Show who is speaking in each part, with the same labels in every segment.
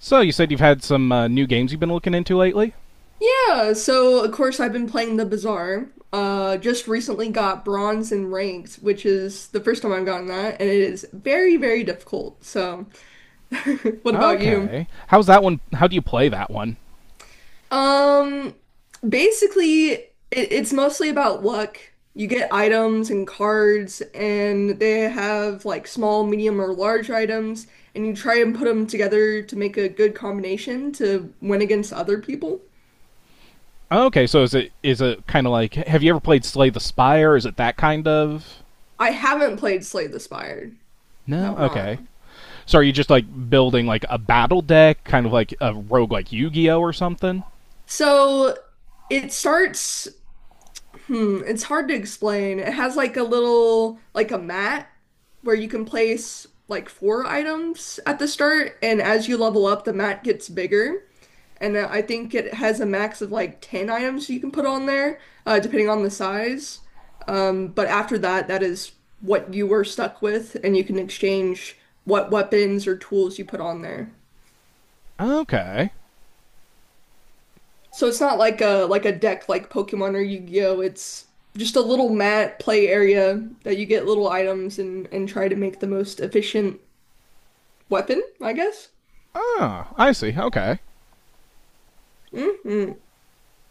Speaker 1: So you said you've had some new games you've been looking into lately.
Speaker 2: Yeah, so of course I've been playing the Bazaar. Just recently got bronze in ranked, which is the first time I've gotten that, and it is very, very difficult. So, what about you?
Speaker 1: Okay, how's that one? How do you play that one?
Speaker 2: Um, Basically, it's mostly about luck. You get items and cards, and they have like small, medium, or large items, and you try and put them together to make a good combination to win against other people.
Speaker 1: Okay, so is it kind of like, have you ever played Slay the Spire? Is it that kind of?
Speaker 2: I haven't played Slay the Spire.
Speaker 1: No.
Speaker 2: Have not.
Speaker 1: Okay. So are you just like building like a battle deck, kind of like a rogue like Yu-Gi-Oh or something?
Speaker 2: So it starts, hmm, it's hard to explain. It has like a little, like a mat where you can place like four items at the start, and as you level up, the mat gets bigger. And I think it has a max of like 10 items you can put on there, depending on the size. But after that, that is what you were stuck with, and you can exchange what weapons or tools you put on there.
Speaker 1: Okay.
Speaker 2: So it's not like a like a deck like Pokemon or Yu-Gi-Oh. It's just a little mat play area that you get little items and try to make the most efficient weapon, I guess.
Speaker 1: Ah, I see. Okay.
Speaker 2: Hmm,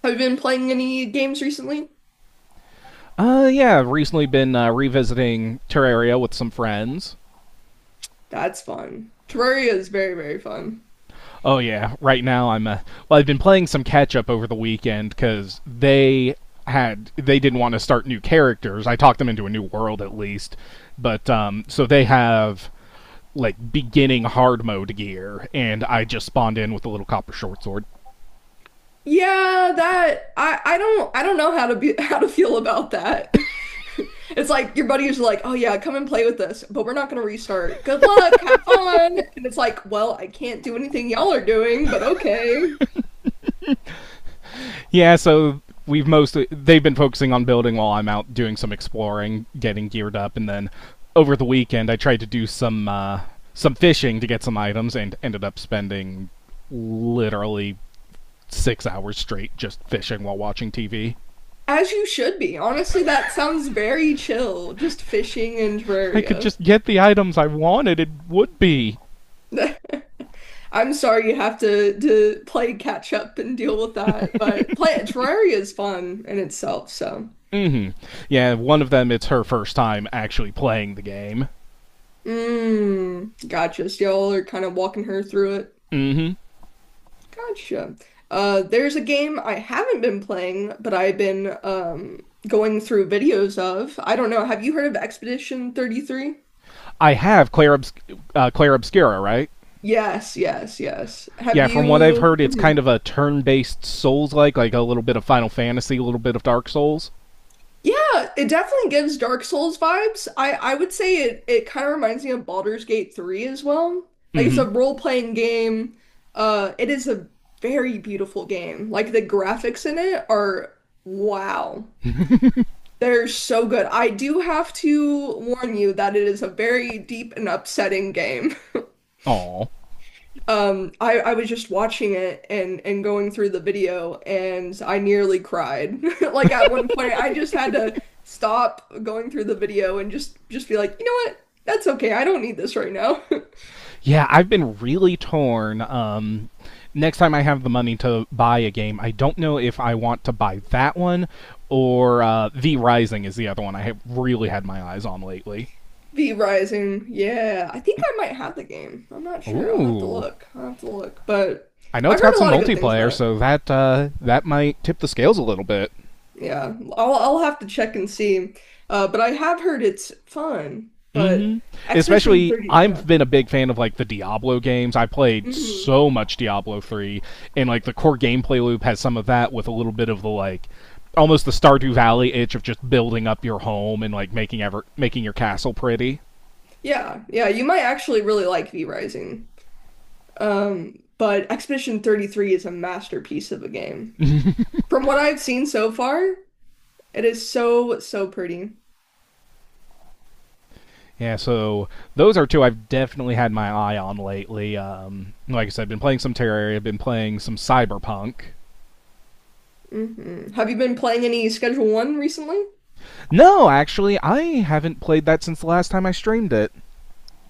Speaker 2: have you been playing any games recently?
Speaker 1: Yeah, I've recently been revisiting Terraria with some friends.
Speaker 2: That's fun. Terraria is very, very fun.
Speaker 1: Oh yeah, right now I'm I've been playing some catch up over the weekend because they had they didn't want to start new characters. I talked them into a new world at least, but so they have like beginning hard mode gear, and I just spawned in with a little copper short sword.
Speaker 2: Yeah, that I don't I don't know how to be how to feel about that. It's like your buddy is like, "Oh yeah, come and play with us, but we're not gonna restart. Good luck, have fun." And it's like, "Well, I can't do anything y'all are doing, but okay."
Speaker 1: Yeah, so we've mostly they've been focusing on building while I'm out doing some exploring, getting geared up, and then over the weekend I tried to do some fishing to get some items and ended up spending literally 6 hours straight just fishing while watching TV.
Speaker 2: As you should be. Honestly, that sounds very chill, just fishing in
Speaker 1: If I could
Speaker 2: Terraria.
Speaker 1: just get the items I wanted, it would be.
Speaker 2: I'm sorry you have to play catch up and deal with that, but play Terraria is fun in itself, so.
Speaker 1: Yeah, one of them, it's her first time actually playing the game.
Speaker 2: Mm, gotcha. So y'all are kind of walking her through it.
Speaker 1: Mm hmm.
Speaker 2: Gotcha. There's a game I haven't been playing, but I've been going through videos of. I don't know. Have you heard of Expedition 33?
Speaker 1: I have Claire Obscura, right?
Speaker 2: Yes, yes, yes. Have
Speaker 1: Yeah, from what I've
Speaker 2: you?
Speaker 1: heard, it's
Speaker 2: Mm-hmm.
Speaker 1: kind of a turn based Souls like a little bit of Final Fantasy, a little bit of Dark Souls.
Speaker 2: Yeah, it definitely gives Dark Souls vibes. I would say it kind of reminds me of Baldur's Gate 3 as well. Like it's a
Speaker 1: Mm
Speaker 2: role-playing game. Uh, it is a very beautiful game. Like the graphics in it are wow. They're so good. I do have to warn you that it is a very deep and upsetting game.
Speaker 1: hmm. Aw.
Speaker 2: I was just watching it and going through the video and I nearly cried. Like at one point I just had to stop going through the video and just be like, "You know what? That's okay. I don't need this right now."
Speaker 1: Yeah, I've been really torn. Next time I have the money to buy a game, I don't know if I want to buy that one or The Rising is the other one I have really had my eyes on lately.
Speaker 2: V Rising. Yeah. I think I might have the game. I'm not sure. I'll have to
Speaker 1: Ooh,
Speaker 2: look. I'll have to look. But
Speaker 1: I know
Speaker 2: I've
Speaker 1: it's
Speaker 2: heard
Speaker 1: got
Speaker 2: a
Speaker 1: some
Speaker 2: lot of good things about
Speaker 1: multiplayer,
Speaker 2: it.
Speaker 1: so that might tip the scales a little bit.
Speaker 2: Yeah. I'll have to check and see. But I have heard it's fun. But
Speaker 1: Hmm
Speaker 2: Expedition
Speaker 1: Especially,
Speaker 2: 30,
Speaker 1: I've
Speaker 2: yeah.
Speaker 1: been a big fan of like the Diablo games. I played
Speaker 2: Mhm.
Speaker 1: so much Diablo three, and like the core gameplay loop has some of that with a little bit of the like almost the Stardew Valley itch of just building up your home and like making your castle pretty.
Speaker 2: Yeah, yeah, you might actually really like V Rising. But Expedition 33 is a masterpiece of a game. From what I've seen so far, it is so, so pretty.
Speaker 1: Yeah, so those are two I've definitely had my eye on lately. Like I said, I've been playing some Terraria, I've been playing some Cyberpunk.
Speaker 2: Hmm, have you been playing any Schedule One recently?
Speaker 1: No, actually, I haven't played that since the last time I streamed it.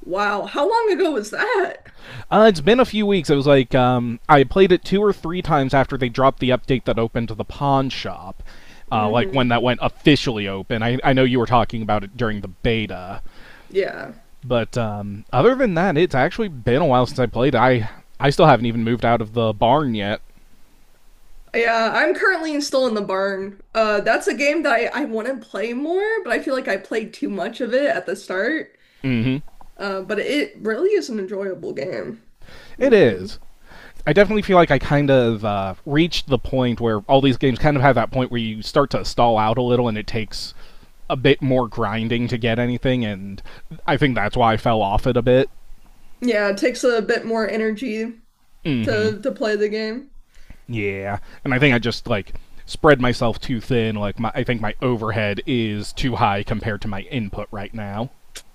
Speaker 2: Wow, how long ago was that?
Speaker 1: It's been a few weeks. It was like I played it two or three times after they dropped the update that opened to the pawn shop, like when
Speaker 2: Hmm.
Speaker 1: that went officially open. I know you were talking about it during the beta,
Speaker 2: Yeah.
Speaker 1: but other than that, it's actually been a while since I played it. I still haven't even moved out of the barn yet.
Speaker 2: Yeah, I'm currently in- still in the barn. That's a game that I want to play more, but I feel like I played too much of it at the start.
Speaker 1: Mm-hmm.
Speaker 2: But it really is an enjoyable game.
Speaker 1: It
Speaker 2: Hmm.
Speaker 1: is. I definitely feel like I kind of reached the point where all these games kind of have that point where you start to stall out a little, and it takes a bit more grinding to get anything, and I think that's why I fell off it a bit.
Speaker 2: Yeah, it takes a bit more energy
Speaker 1: Hmm.
Speaker 2: to play the game.
Speaker 1: Yeah. And I think I just, like, spread myself too thin. Like, I think my overhead is too high compared to my input right now.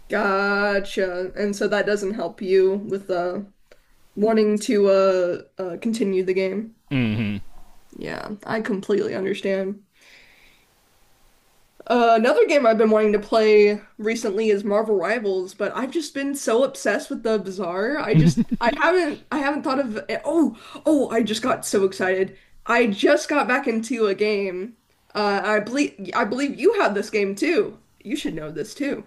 Speaker 2: Gotcha. And so that doesn't help you with wanting to continue the game.
Speaker 1: Hmm.
Speaker 2: Yeah, I completely understand. Another game I've been wanting to play recently is Marvel Rivals, but I've just been so obsessed with the Bazaar. I haven't thought of oh, I just got so excited. I just got back into a game. I believe you have this game too. You should know this too.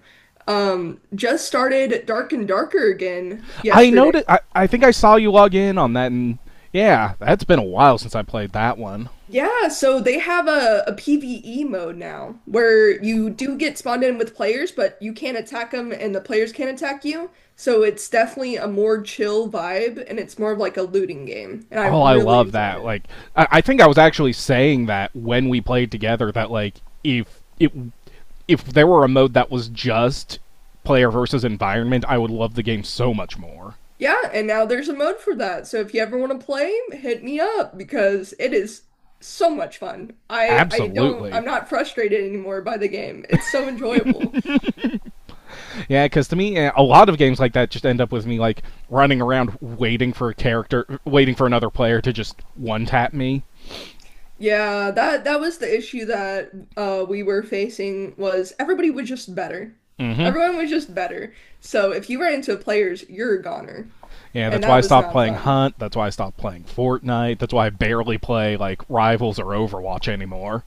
Speaker 2: Just started Dark and Darker again
Speaker 1: I
Speaker 2: yesterday.
Speaker 1: noticed, I think I saw you log in on that, and yeah, that's been a while since I played that one.
Speaker 2: Yeah, so they have a PvE mode now where you do get spawned in with players, but you can't attack them and the players can't attack you. So it's definitely a more chill vibe and it's more of like a looting game. And I
Speaker 1: Oh, I
Speaker 2: really
Speaker 1: love
Speaker 2: enjoyed
Speaker 1: that.
Speaker 2: it.
Speaker 1: Like, I think I was actually saying that when we played together. That like, if it if there were a mode that was just player versus environment, I would love the game so much more.
Speaker 2: Yeah, and now there's a mode for that. So if you ever want to play, hit me up because it is so much fun. I I don't
Speaker 1: Absolutely.
Speaker 2: I'm not frustrated anymore by the game. It's so enjoyable.
Speaker 1: Yeah, because to me, a lot of games like that just end up with me like running around waiting for waiting for another player to just one tap me.
Speaker 2: Yeah, that was the issue that we were facing was everybody was just better.
Speaker 1: Hmm
Speaker 2: Everyone was just better. So if you ran into players, you're a goner.
Speaker 1: Yeah,
Speaker 2: And
Speaker 1: that's why
Speaker 2: that
Speaker 1: I
Speaker 2: was
Speaker 1: stopped
Speaker 2: not
Speaker 1: playing
Speaker 2: fun.
Speaker 1: Hunt. That's why I stopped playing Fortnite. That's why I barely play like Rivals or Overwatch anymore.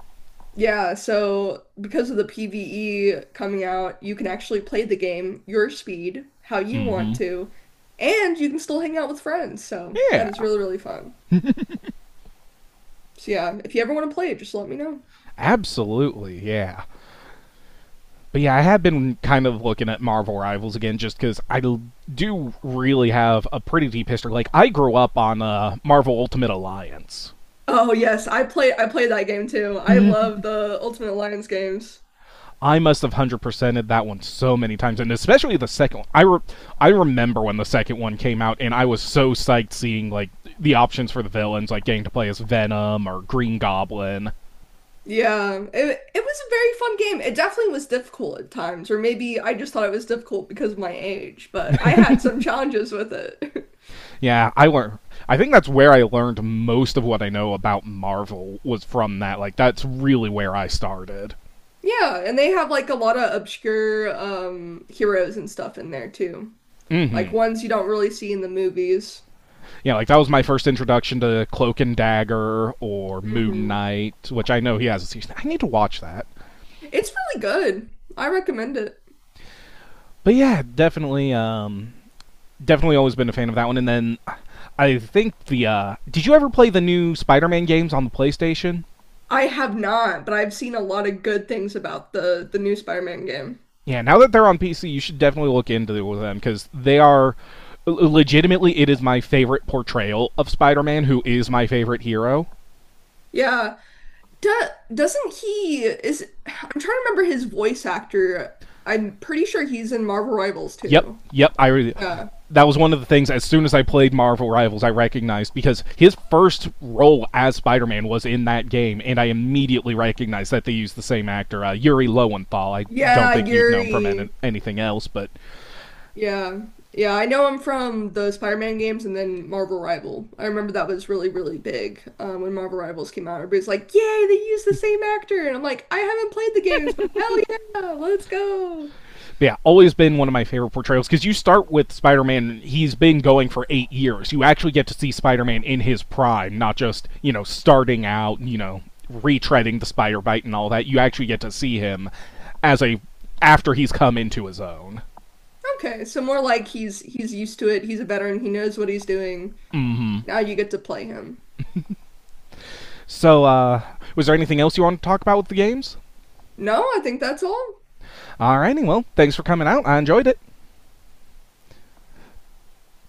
Speaker 2: Yeah, so because of the PvE coming out, you can actually play the game your speed, how you want
Speaker 1: Hmm
Speaker 2: to, and you can still hang out with friends. So that is
Speaker 1: Yeah.
Speaker 2: really, really fun. So yeah, if you ever want to play it, just let me know.
Speaker 1: Absolutely, yeah. But yeah, I have been kind of looking at Marvel Rivals again just because I do really have a pretty deep history. Like, I grew up on Marvel Ultimate Alliance.
Speaker 2: Oh yes, I play that game too. I love the Ultimate Alliance games.
Speaker 1: I must have 100%ed that one so many times, and especially the second one. I remember when the second one came out, and I was so psyched seeing, like, the options for the villains, like getting to play as Venom or Green Goblin.
Speaker 2: Yeah, it was a very fun game. It definitely was difficult at times, or maybe I just thought it was difficult because of my age, but I had some challenges with it.
Speaker 1: Yeah, I learned. I think that's where I learned most of what I know about Marvel was from that. Like, that's really where I started.
Speaker 2: Yeah, and they have like a lot of obscure heroes and stuff in there too. Like
Speaker 1: Hmm
Speaker 2: ones you don't really see in the movies.
Speaker 1: Yeah, like that was my first introduction to Cloak and Dagger or Moon
Speaker 2: Hmm.
Speaker 1: Knight, which I know he has a season. I need to watch that.
Speaker 2: It's really good. I recommend it.
Speaker 1: But yeah, definitely, definitely always been a fan of that one. And then I think the did you ever play the new Spider-Man games on the PlayStation?
Speaker 2: I have not, but I've seen a lot of good things about the new Spider-Man game.
Speaker 1: Yeah, now that they're on PC, you should definitely look into them because they are legitimately, it is my favorite portrayal of Spider-Man, who is my favorite hero.
Speaker 2: Yeah, Do doesn't he is I'm trying to remember his voice actor. I'm pretty sure he's in Marvel Rivals
Speaker 1: Yep,
Speaker 2: too.
Speaker 1: yep.
Speaker 2: Yeah.
Speaker 1: That was one of the things, as soon as I played Marvel Rivals, I recognized, because his first role as Spider-Man was in that game, and I immediately recognized that they used the same actor, Yuri Lowenthal. I don't
Speaker 2: Yeah,
Speaker 1: think you'd know him from
Speaker 2: Yuri.
Speaker 1: anything else, but
Speaker 2: Yeah. Yeah, I know him from the Spider-Man games and then Marvel Rival. I remember that was really, really big when Marvel Rivals came out. Everybody's like, "Yay, they used the same actor!" And I'm like, "I haven't played the games, but hell yeah, let's go!"
Speaker 1: yeah, always been one of my favorite portrayals because you start with Spider Man. He's been going for 8 years. You actually get to see Spider Man in his prime, not just, you know, starting out, you know, retreading the spider bite and all that. You actually get to see him as a. after he's come into his own.
Speaker 2: Okay, so more like he's used to it. He's a veteran. He knows what he's doing. Now you get to play him.
Speaker 1: So, was there anything else you want to talk about with the games?
Speaker 2: No, I think that's all.
Speaker 1: Alrighty, well, thanks for coming out. I enjoyed it.